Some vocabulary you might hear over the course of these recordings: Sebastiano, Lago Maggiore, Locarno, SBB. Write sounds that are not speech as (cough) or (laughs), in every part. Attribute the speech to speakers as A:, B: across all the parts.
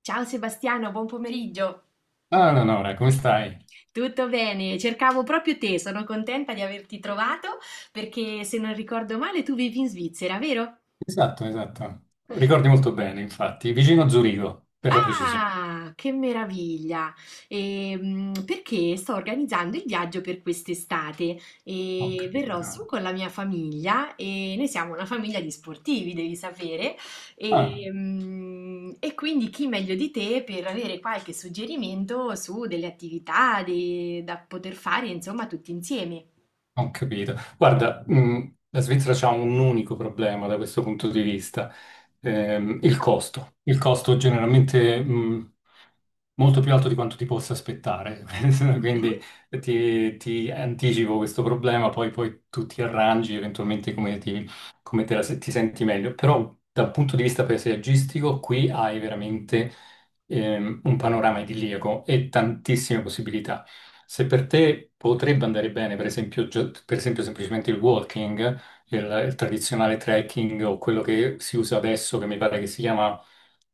A: Ciao Sebastiano, buon pomeriggio.
B: Ah, no, no, no, ora, come stai?
A: Tutto bene? Cercavo proprio te, sono contenta di averti trovato perché se non ricordo male tu vivi in Svizzera, vero?
B: Esatto, esatto. Ricordi molto bene, infatti. Vicino a Zurigo, per la precisione.
A: Ah, che meraviglia! Perché sto organizzando il viaggio per quest'estate
B: Ho
A: e verrò su
B: capito.
A: con la mia famiglia e noi siamo una famiglia di sportivi, devi sapere,
B: Ah,
A: quindi chi meglio di te per avere qualche suggerimento su delle attività da poter fare, insomma, tutti insieme.
B: ho capito. Guarda, la Svizzera ha un unico problema da questo punto di vista, il costo. Il costo generalmente molto più alto di quanto ti possa aspettare. (laughs)
A: Mhm.
B: Quindi ti anticipo questo problema, poi tu ti arrangi eventualmente come ti, come te la se- ti senti meglio. Però dal punto di vista paesaggistico qui hai veramente un panorama idilliaco e tantissime possibilità. Se per te potrebbe andare bene, per esempio, per esempio semplicemente il walking, il tradizionale trekking o quello che si usa adesso, che mi pare che si chiama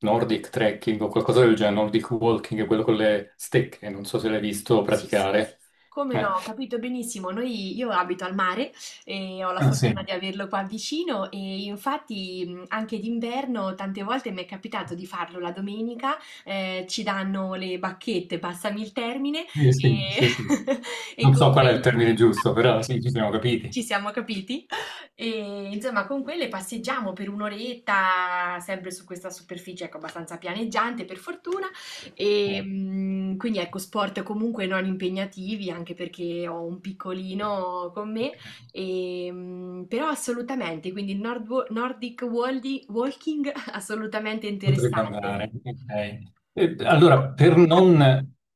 B: Nordic trekking o qualcosa del genere, Nordic walking, quello con le stecche, non so se l'hai visto
A: Sì, sì.
B: praticare.
A: Come
B: Eh,
A: no, ho capito benissimo. Noi, io abito al mare e ho la fortuna
B: sì,
A: di averlo qua vicino e infatti anche d'inverno tante volte mi è capitato di farlo la domenica, ci danno le bacchette, passami il termine,
B: sì, sì,
A: e,
B: sì.
A: (laughs) e
B: Non
A: con
B: so qual è il
A: quelle
B: termine giusto, però sì, ci siamo capiti.
A: ci siamo capiti? E insomma, con quelle passeggiamo per un'oretta, sempre su questa superficie, ecco, abbastanza pianeggiante per fortuna. E
B: Eh.
A: quindi ecco, sport comunque non impegnativi, anche perché ho un piccolino con me,
B: Ok.
A: però assolutamente, quindi il Nordic Walking (laughs) assolutamente
B: Potrebbe
A: interessante.
B: andare, ok. E allora, per non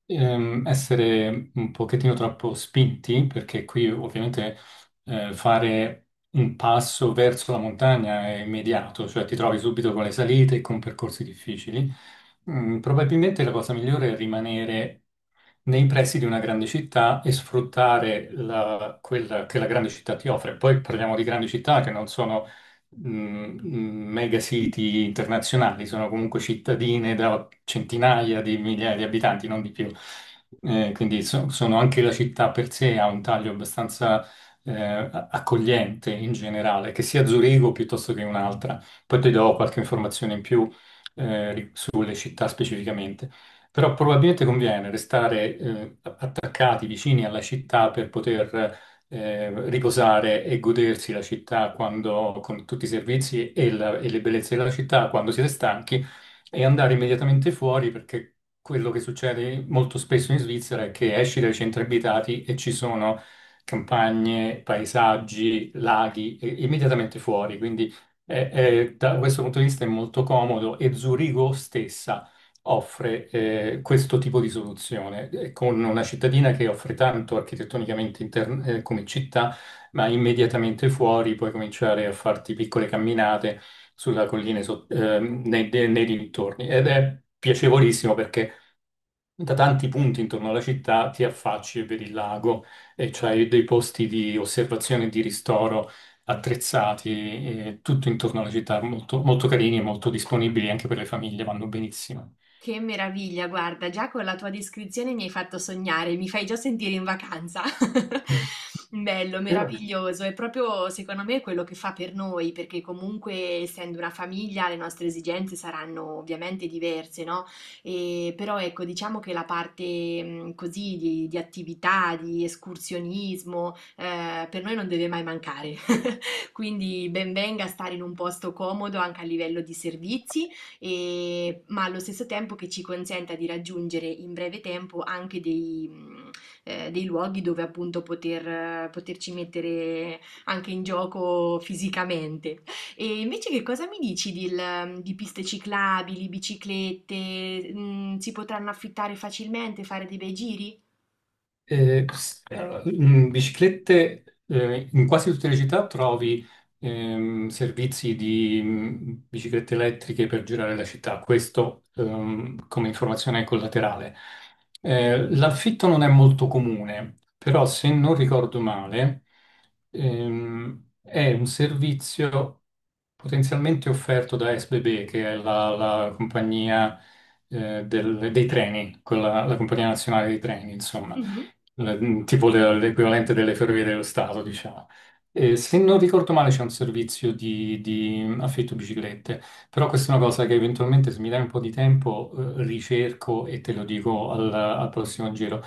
B: essere un pochettino troppo spinti, perché qui ovviamente fare un passo verso la montagna è immediato, cioè ti trovi subito con le salite e con percorsi difficili, mm, probabilmente la cosa migliore è rimanere nei pressi di una grande città e sfruttare quella che la grande città ti offre. Poi parliamo di grandi città che non sono mh, mega city internazionali, sono comunque cittadine da centinaia di migliaia di abitanti, non di più. Quindi sono anche la città per sé ha un taglio abbastanza eh, accogliente in generale, che sia Zurigo piuttosto che un'altra. Poi ti do qualche informazione in più sulle città specificamente. Però probabilmente conviene restare attaccati vicini alla città per poter riposare e godersi la città quando, con tutti i servizi e, e le bellezze della città quando siete stanchi e andare immediatamente fuori perché quello che succede molto spesso in Svizzera è che esci dai centri abitati e ci sono campagne, paesaggi, laghi immediatamente fuori, quindi da questo punto di vista è molto comodo e Zurigo stessa offre questo tipo di soluzione, con una cittadina che offre tanto architettonicamente come città, ma immediatamente fuori puoi cominciare a farti piccole camminate sulla collina nei dintorni ed è piacevolissimo perché da tanti punti intorno alla città ti affacci e vedi il lago e c'hai dei posti di osservazione e di ristoro attrezzati, tutto intorno alla città, molto, molto carini e molto disponibili anche per le famiglie, vanno benissimo.
A: Che meraviglia, guarda, già con la tua descrizione mi hai fatto sognare, mi fai già sentire in vacanza. (laughs) Bello,
B: Era
A: meraviglioso, è proprio secondo me quello che fa per noi, perché comunque essendo una famiglia le nostre esigenze saranno ovviamente diverse, no? E, però ecco, diciamo che la parte così di attività, di escursionismo, per noi non deve mai mancare. Quindi ben venga stare in un posto comodo anche a livello di servizi, ma allo stesso tempo che ci consenta di raggiungere in breve tempo anche dei luoghi dove appunto poterci mettere anche in gioco fisicamente. E invece che cosa mi dici di piste ciclabili, biciclette? Si potranno affittare facilmente, fare dei bei giri?
B: Allora, mm, biciclette, in quasi tutte le città trovi servizi di biciclette elettriche per girare la città, questo come informazione collaterale. L'affitto non è molto comune, però se non ricordo male, è un servizio potenzialmente offerto da SBB, che è la compagnia dei treni, quella, la compagnia nazionale dei treni, insomma
A: Mhm.
B: tipo l'equivalente delle ferrovie dello Stato, diciamo. E se non ricordo male c'è un servizio di affitto biciclette, però questa è una cosa che eventualmente se mi dai un po' di tempo ricerco e te lo dico al prossimo giro,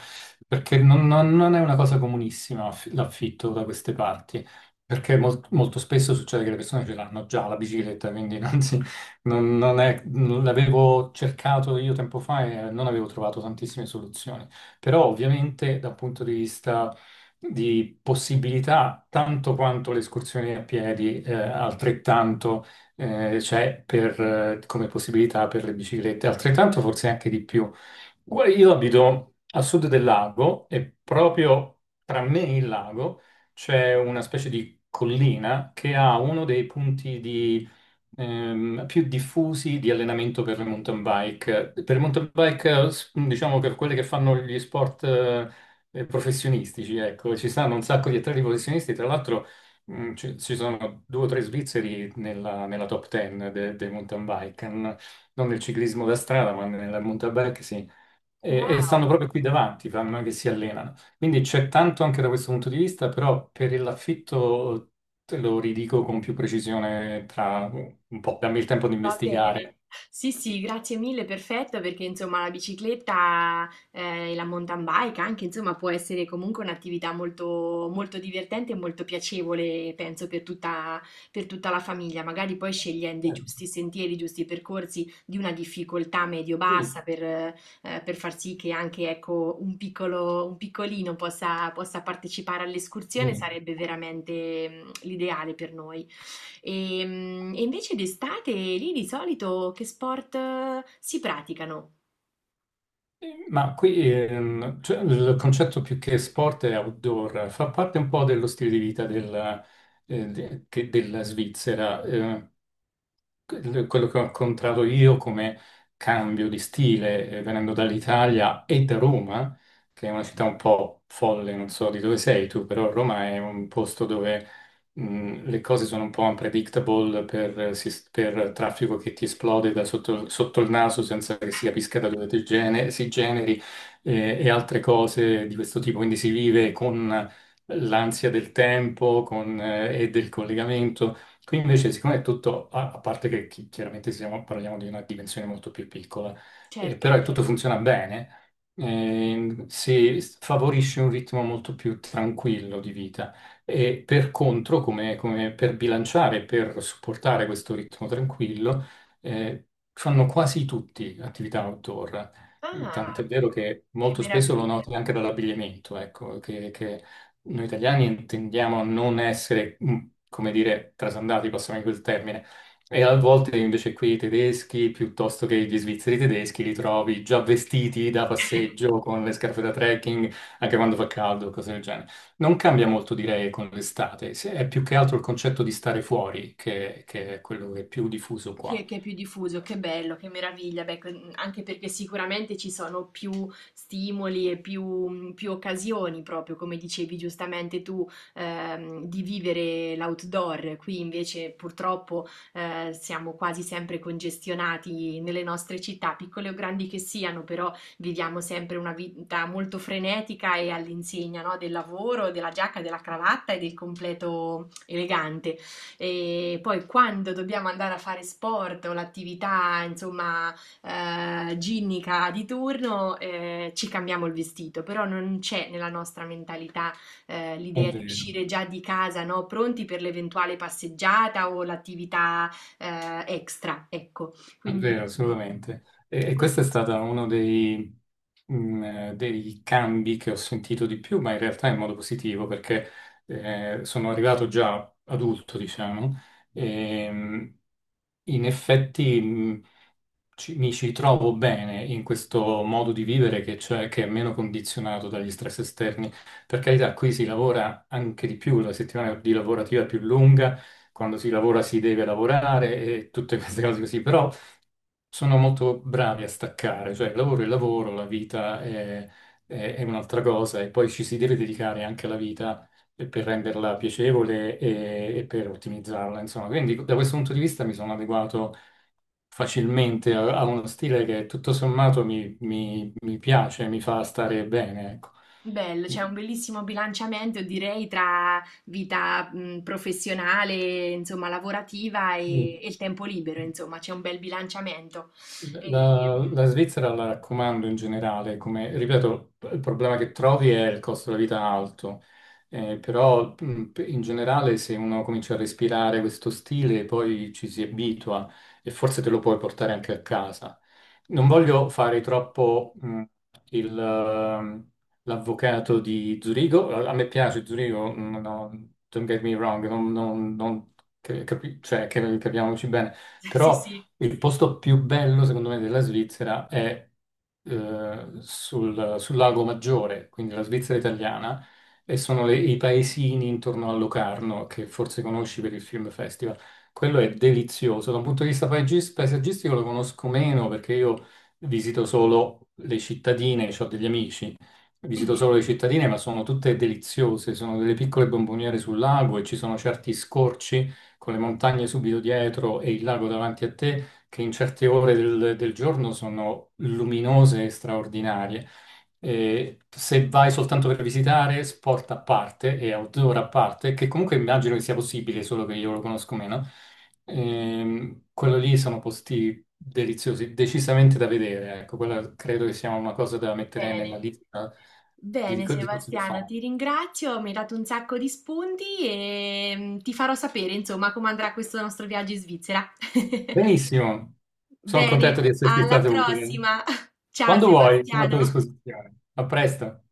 B: perché non è una cosa comunissima l'affitto da queste parti, perché molto spesso succede che le persone ce l'hanno già la bicicletta, quindi non, si, non l'avevo cercato io tempo fa e non avevo trovato tantissime soluzioni. Però ovviamente dal punto di vista di possibilità, tanto quanto le escursioni a piedi, altrettanto c'è per, come possibilità per le biciclette, altrettanto forse anche di più. Guarda, io abito a sud del lago e proprio tra me e il lago c'è una specie di collina che ha uno dei punti più diffusi di allenamento per le mountain bike. Per le mountain bike, diciamo per quelle che fanno gli sport professionistici, ecco, ci stanno un sacco di atleti professionisti, tra l'altro ci sono due o tre svizzeri nella top ten dei mountain bike, non nel ciclismo da strada, ma nella mountain bike sì e
A: Wow.
B: stanno proprio qui davanti, fanno non è che si allenano. Quindi c'è tanto anche da questo punto di vista, però per l'affitto te lo ridico con più precisione tra un po', dammi il tempo di
A: Va bene,
B: investigare.
A: sì sì, grazie mille, perfetto, perché insomma la bicicletta e la mountain bike anche, insomma, può essere comunque un'attività molto divertente e molto piacevole, penso, per tutta la famiglia, magari poi scegliendo i
B: Certo.
A: giusti sentieri, i giusti percorsi di una difficoltà
B: Sì,
A: medio-bassa per far sì che anche, ecco, un piccolino possa partecipare all'escursione,
B: sì.
A: sarebbe veramente l'ideale per noi. E invece d'estate lì di solito che sport si praticano?
B: Ma qui cioè, il concetto più che sport è outdoor, fa parte un po' dello stile di vita della Svizzera. Quello che ho incontrato io come cambio di stile, venendo dall'Italia e da Roma, che è una città un po' folle, non so di dove sei tu, però Roma è un posto dove le cose sono un po' unpredictable per traffico che ti esplode da sotto, sotto il naso senza che si capisca da dove si generi e altre cose di questo tipo. Quindi si vive con l'ansia del tempo con, e del collegamento. Qui invece, siccome è tutto, a parte che chiaramente parliamo di una dimensione molto più piccola,
A: Certo.
B: però è tutto funziona bene, si favorisce un ritmo molto più tranquillo di vita. E per contro, come, come per bilanciare, per supportare questo ritmo tranquillo, eh, fanno quasi tutti attività outdoor. Tant'è
A: Ah,
B: vero che
A: che
B: molto spesso lo
A: meraviglia!
B: noti anche dall'abbigliamento, ecco, che noi italiani tendiamo a non essere, mm, come dire, trasandati, passami quel termine. E a volte invece qui i tedeschi, piuttosto che gli svizzeri tedeschi, li trovi già vestiti da
A: (laughs)
B: passeggio con le scarpe da trekking, anche quando fa caldo, cose del genere. Non cambia molto, direi, con l'estate. È più che altro il concetto di stare fuori che è quello che è più diffuso qua.
A: Che è più diffuso, che bello, che meraviglia, beh, anche perché sicuramente ci sono più stimoli e più occasioni, proprio come dicevi giustamente tu, di vivere l'outdoor. Qui invece purtroppo siamo quasi sempre congestionati nelle nostre città, piccole o grandi che siano, però viviamo sempre una vita molto frenetica e all'insegna, no, del lavoro, della giacca, della cravatta e del completo elegante. E poi quando dobbiamo andare a fare sport o l'attività, insomma, ginnica di turno, ci cambiamo il vestito, però non c'è nella nostra mentalità,
B: È
A: l'idea di
B: vero,
A: uscire già di casa, no? Pronti per l'eventuale passeggiata o l'attività, extra, ecco.
B: è vero,
A: Quindi,
B: assolutamente. E
A: questo
B: questo è
A: sì.
B: stato uno dei, dei cambi che ho sentito di più, ma in realtà in modo positivo, perché sono arrivato già adulto, diciamo, e in effetti mm, mi ci trovo bene in questo modo di vivere che, cioè, che è meno condizionato dagli stress esterni. Per carità, qui si lavora anche di più, la settimana di lavorativa è più lunga, quando si lavora si deve lavorare e tutte queste cose così, però sono molto bravi a staccare, cioè il lavoro è il lavoro, la vita è, è un'altra cosa e poi ci si deve dedicare anche alla vita per renderla piacevole e per ottimizzarla, insomma. Quindi da questo punto di vista mi sono adeguato facilmente, ha ha uno stile che tutto sommato mi piace, mi fa stare bene, ecco.
A: Bello, c'è un bellissimo bilanciamento, direi, tra vita, professionale, insomma, lavorativa
B: Mm.
A: e il tempo libero, insomma, c'è un bel bilanciamento. E-
B: La Svizzera la raccomando in generale, come ripeto, il problema che trovi è il costo della vita alto, però in generale se uno comincia a respirare questo stile poi ci si abitua e forse te lo puoi portare anche a casa. Non voglio fare troppo il, ehm, l'avvocato di Zurigo, a me piace Zurigo, no, no, don't get me wrong, cioè, che capiamoci bene.
A: (laughs) sì,
B: Però
A: sì.
B: il posto più bello, secondo me, della Svizzera è sul Lago Maggiore, quindi la Svizzera italiana, e sono i paesini intorno a Locarno, che forse conosci per il Film Festival. Quello è delizioso. Da un punto di vista paesaggistico lo conosco meno perché io visito solo le cittadine, ho degli amici, visito
A: Mhm.
B: solo le cittadine, ma sono tutte deliziose. Sono delle piccole bomboniere sul lago e ci sono certi scorci con le montagne subito dietro e il lago davanti a te che in certe ore del giorno sono luminose e straordinarie. E se vai soltanto per visitare, sport a parte e outdoor a parte, che comunque immagino che sia possibile, solo che io lo conosco meno, quello lì sono posti deliziosi, decisamente da vedere. Ecco, quella credo che sia una cosa da mettere nella
A: Bene.
B: lista di,
A: Bene,
B: di cose da
A: Sebastiano,
B: fare.
A: ti ringrazio, mi hai dato un sacco di spunti e ti farò sapere, insomma, come andrà questo nostro viaggio in Svizzera. (laughs)
B: Benissimo, sono
A: Bene,
B: contento di esserti
A: alla
B: stato utile.
A: prossima. (laughs) Ciao,
B: Quando vuoi, sono a tua
A: Sebastiano.
B: disposizione. A presto.